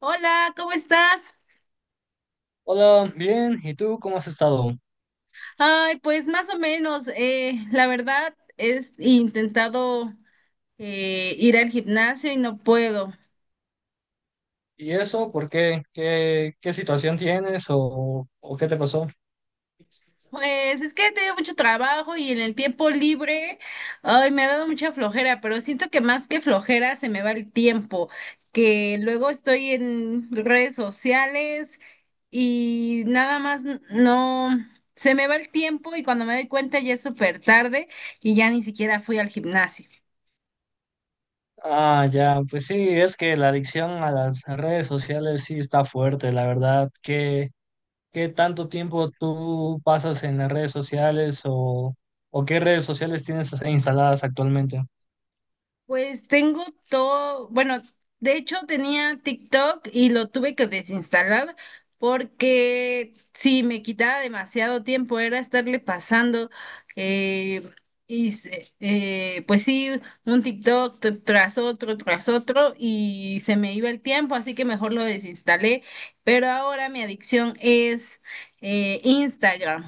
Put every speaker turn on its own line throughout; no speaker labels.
Hola, ¿cómo estás?
Hola, bien, ¿y tú cómo has estado?
Ay, pues más o menos, la verdad es intentado ir al gimnasio y no puedo.
¿Y eso por qué? ¿Qué situación tienes o qué te pasó?
Pues es que he tenido mucho trabajo y en el tiempo libre, ay, me ha dado mucha flojera, pero siento que más que flojera se me va el tiempo, que luego estoy en redes sociales y nada más no, se me va el tiempo y cuando me doy cuenta ya es súper tarde y ya ni siquiera fui al gimnasio.
Ah, ya, pues sí, es que la adicción a las redes sociales sí está fuerte, la verdad. ¿Qué tanto tiempo tú pasas en las redes sociales o qué redes sociales tienes instaladas actualmente?
Pues tengo todo, bueno, de hecho tenía TikTok y lo tuve que desinstalar porque sí, me quitaba demasiado tiempo, era estarle pasando, eh, pues sí, un TikTok tras otro, y se me iba el tiempo, así que mejor lo desinstalé, pero ahora mi adicción es Instagram.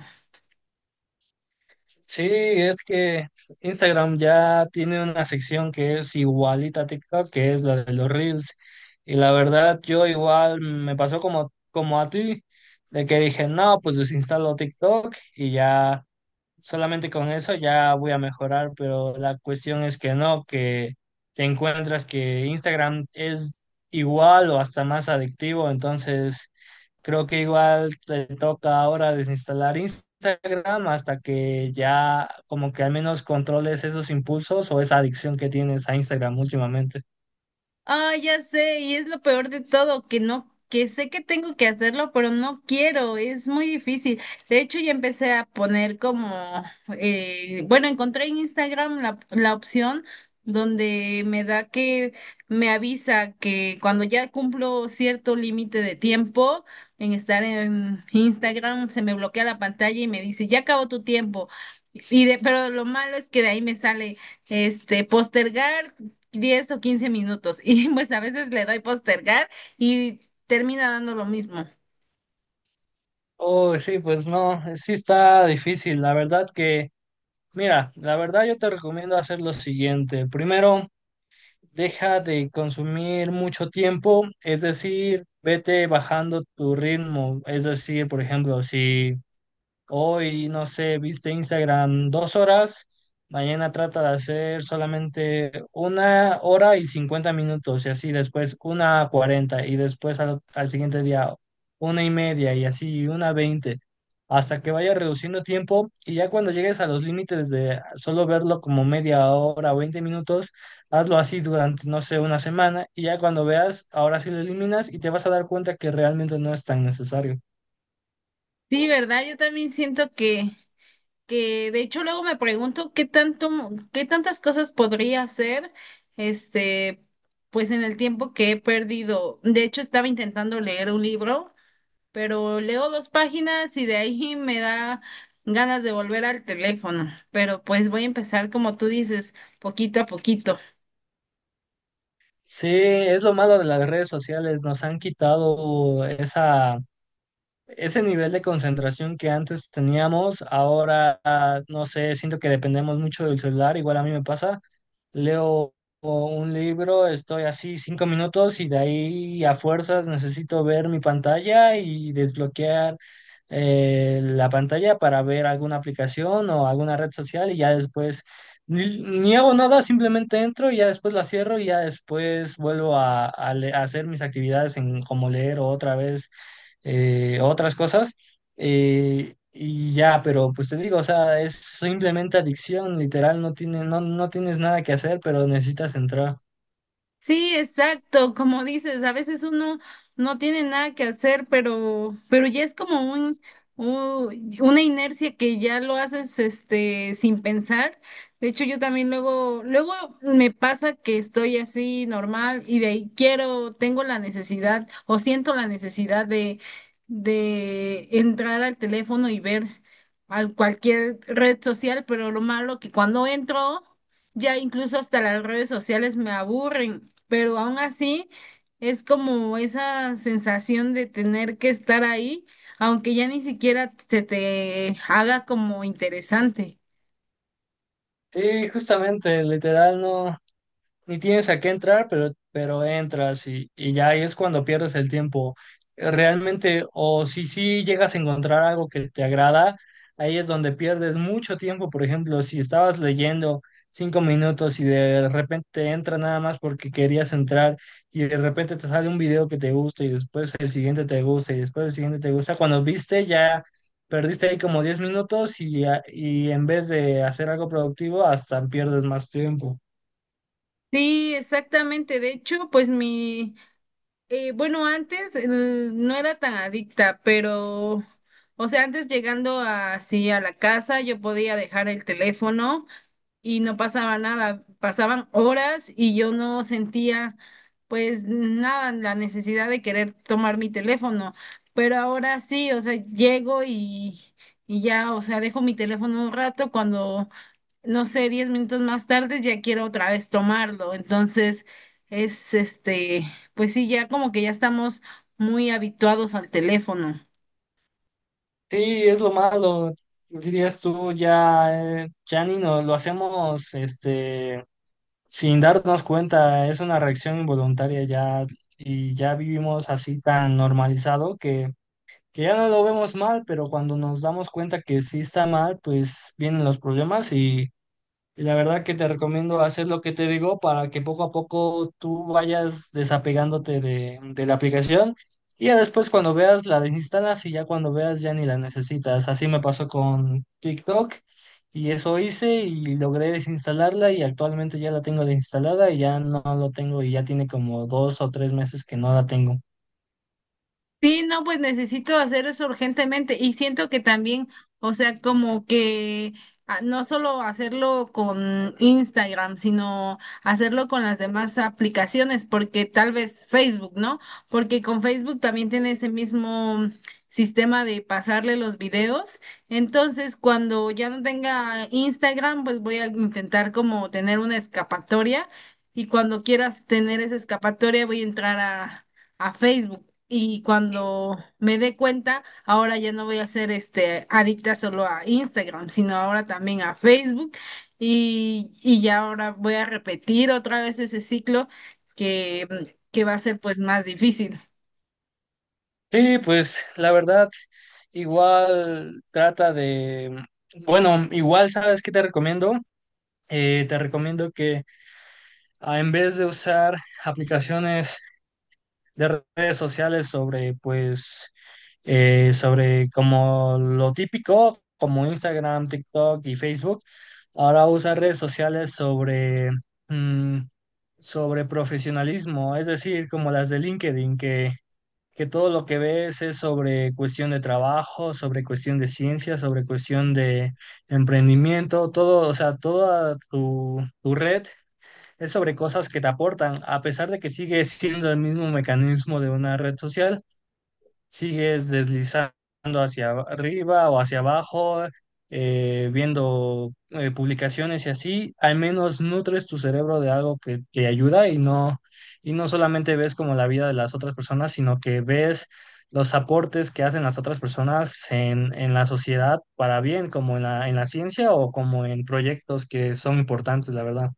Sí, es que Instagram ya tiene una sección que es igualita a TikTok, que es la de los Reels. Y la verdad, yo igual me pasó como a ti, de que dije, no, pues desinstalo TikTok y ya solamente con eso ya voy a mejorar, pero la cuestión es que no, que te encuentras que Instagram es igual o hasta más adictivo, entonces creo que igual te toca ahora desinstalar Instagram hasta que ya como que al menos controles esos impulsos o esa adicción que tienes a Instagram últimamente.
Ah, ya sé, y es lo peor de todo, que no, que sé que tengo que hacerlo, pero no quiero, es muy difícil. De hecho, ya empecé a poner como, bueno, encontré en Instagram la opción donde me da que me avisa que cuando ya cumplo cierto límite de tiempo en estar en Instagram, se me bloquea la pantalla y me dice, ya acabó tu tiempo. Y de, pero lo malo es que de ahí me sale este postergar 10 o 15 minutos y pues a veces le doy postergar y termina dando lo mismo.
Oh, sí, pues no, sí está difícil. La verdad que, mira, la verdad yo te recomiendo hacer lo siguiente. Primero, deja de consumir mucho tiempo, es decir, vete bajando tu ritmo, es decir, por ejemplo, si... Hoy, no sé, viste Instagram 2 horas, mañana trata de hacer solamente una hora y 50 minutos y así después una a cuarenta y después al siguiente día una y media y así una veinte hasta que vaya reduciendo tiempo y ya cuando llegues a los límites de solo verlo como media hora o 20 minutos, hazlo así durante, no sé, una semana y ya cuando veas, ahora sí lo eliminas y te vas a dar cuenta que realmente no es tan necesario.
Sí, ¿verdad? Yo también siento que de hecho luego me pregunto qué tanto, qué tantas cosas podría hacer, este, pues en el tiempo que he perdido. De hecho, estaba intentando leer un libro, pero leo dos páginas y de ahí me da ganas de volver al teléfono. Pero pues voy a empezar, como tú dices, poquito a poquito.
Sí, es lo malo de las redes sociales, nos han quitado esa, ese nivel de concentración que antes teníamos, ahora, no sé, siento que dependemos mucho del celular, igual a mí me pasa. Leo un libro, estoy así 5 minutos y de ahí a fuerzas necesito ver mi pantalla y desbloquear la pantalla para ver alguna aplicación o alguna red social y ya después ni hago nada, simplemente entro y ya después la cierro y ya después vuelvo a hacer mis actividades en como leer o otra vez otras cosas. Y ya, pero pues te digo, o sea, es simplemente adicción, literal, no tienes nada que hacer, pero necesitas entrar.
Sí, exacto, como dices, a veces uno no tiene nada que hacer, pero ya es como una inercia que ya lo haces este sin pensar. De hecho, yo también luego me pasa que estoy así normal y de ahí quiero, tengo la necesidad o siento la necesidad de entrar al teléfono y ver al cualquier red social, pero lo malo que cuando entro ya incluso hasta las redes sociales me aburren, pero aún así es como esa sensación de tener que estar ahí, aunque ya ni siquiera se te haga como interesante.
Sí, justamente, literal, no. Ni tienes a qué entrar, pero entras y ya ahí es cuando pierdes el tiempo. Realmente, o si sí llegas a encontrar algo que te agrada, ahí es donde pierdes mucho tiempo. Por ejemplo, si estabas leyendo 5 minutos y de repente entra nada más porque querías entrar y de repente te sale un video que te gusta y después el siguiente te gusta y después el siguiente te gusta, cuando viste ya... Perdiste ahí como 10 minutos y en vez de hacer algo productivo, hasta pierdes más tiempo.
Sí, exactamente. De hecho, pues mi, bueno, antes no era tan adicta, pero, o sea, antes llegando así a la casa, yo podía dejar el teléfono y no pasaba nada, pasaban horas y yo no sentía pues nada, la necesidad de querer tomar mi teléfono, pero ahora sí, o sea, llego y ya, o sea, dejo mi teléfono un rato cuando, no sé, 10 minutos más tarde ya quiero otra vez tomarlo, entonces es pues sí, ya como que ya estamos muy habituados al teléfono.
Sí, es lo malo, dirías tú, ya, ya ni nos lo hacemos este, sin darnos cuenta, es una reacción involuntaria ya y ya vivimos así tan normalizado que, ya no lo vemos mal, pero cuando nos damos cuenta que sí está mal, pues vienen los problemas y la verdad que te recomiendo hacer lo que te digo para que poco a poco tú vayas desapegándote de la aplicación y ya después cuando veas la desinstalas y ya cuando veas ya ni la necesitas. Así me pasó con TikTok y eso hice y logré desinstalarla y actualmente ya la tengo desinstalada y ya no lo tengo y ya tiene como 2 o 3 meses que no la tengo.
Sí, no, pues necesito hacer eso urgentemente y siento que también, o sea, como que ah, no solo hacerlo con Instagram, sino hacerlo con las demás aplicaciones, porque tal vez Facebook, ¿no? Porque con Facebook también tiene ese mismo sistema de pasarle los videos. Entonces, cuando ya no tenga Instagram, pues voy a intentar como tener una escapatoria y cuando quieras tener esa escapatoria voy a entrar a Facebook. Y cuando me dé cuenta, ahora ya no voy a ser este adicta solo a Instagram, sino ahora también a Facebook. Y ya ahora voy a repetir otra vez ese ciclo que, que va a ser pues más difícil.
Sí, pues la verdad, igual trata de, bueno, igual sabes qué te recomiendo. Te recomiendo que en vez de usar aplicaciones de redes sociales sobre, pues, sobre como lo típico, como Instagram, TikTok y Facebook, ahora usa redes sociales sobre, mm, sobre profesionalismo, es decir, como las de LinkedIn, que todo lo que ves es sobre cuestión de trabajo, sobre cuestión de ciencia, sobre cuestión de emprendimiento, todo, o sea, toda tu red es sobre cosas que te aportan, a pesar de que sigue siendo el mismo mecanismo de una red social, sigues deslizando hacia arriba o hacia abajo, viendo publicaciones y así, al menos nutres tu cerebro de algo que te ayuda y no solamente ves como la vida de las otras personas, sino que ves los aportes que hacen las otras personas en la sociedad para bien, como en la ciencia o como en proyectos que son importantes, la verdad.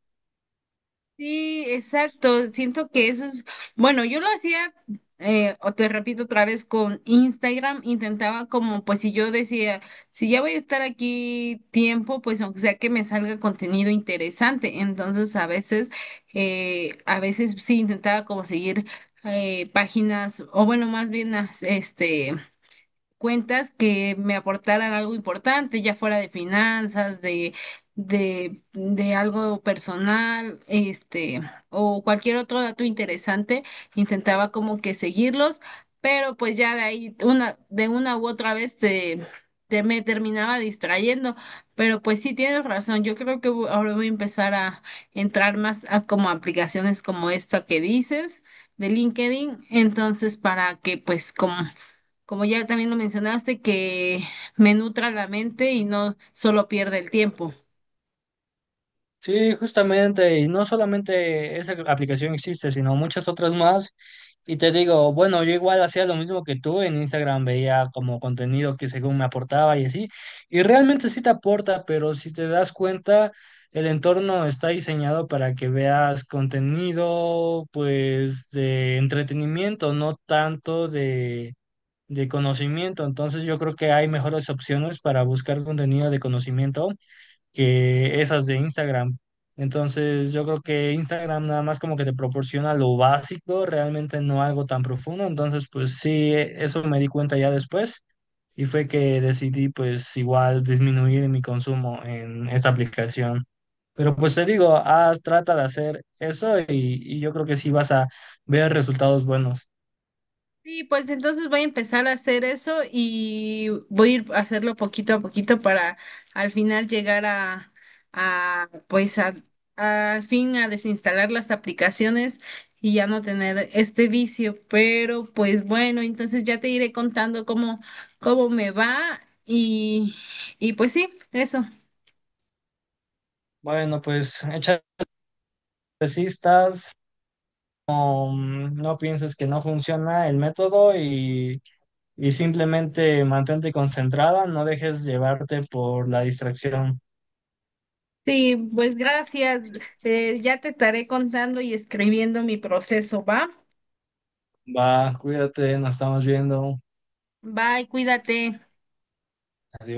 Sí, exacto. Siento que eso es, bueno, yo lo hacía, o te repito otra vez, con Instagram, intentaba como, pues si yo decía, si ya voy a estar aquí tiempo, pues aunque sea que me salga contenido interesante. Entonces, a veces sí intentaba como seguir páginas, o bueno, más bien, este cuentas que me aportaran algo importante, ya fuera de finanzas, de algo personal, o cualquier otro dato interesante, intentaba como que seguirlos, pero pues ya de ahí, de una u otra vez te me terminaba distrayendo, pero pues sí tienes razón, yo creo que ahora voy a empezar a entrar más a como aplicaciones como esta que dices de LinkedIn, entonces para que pues como ya también lo mencionaste, que me nutra la mente y no solo pierde el tiempo.
Sí, justamente, y no solamente esa aplicación existe, sino muchas otras más. Y te digo, bueno, yo igual hacía lo mismo que tú en Instagram, veía como contenido que según me aportaba y así. Y realmente sí te aporta, pero si te das cuenta, el entorno está diseñado para que veas contenido, pues, de entretenimiento, no tanto de conocimiento. Entonces yo creo que hay mejores opciones para buscar contenido de conocimiento que esas de Instagram. Entonces, yo creo que Instagram nada más como que te proporciona lo básico, realmente no algo tan profundo. Entonces, pues sí, eso me di cuenta ya después y fue que decidí pues igual disminuir mi consumo en esta aplicación. Pero pues te digo, haz, trata de hacer eso y yo creo que sí vas a ver resultados buenos.
Sí, pues entonces voy a empezar a hacer eso y voy a ir a hacerlo poquito a poquito para al final llegar a, a pues a- al fin a desinstalar las aplicaciones y ya no tener este vicio. Pero pues bueno, entonces ya te iré contando cómo, cómo me va y, y pues sí, eso.
Bueno, pues échale cistas, no, no pienses que no funciona el método y simplemente mantente concentrada, no dejes llevarte por la distracción.
Sí, pues gracias. Ya te estaré contando y escribiendo mi proceso, ¿va?
Va, cuídate, nos estamos viendo.
Bye, cuídate.
Adiós.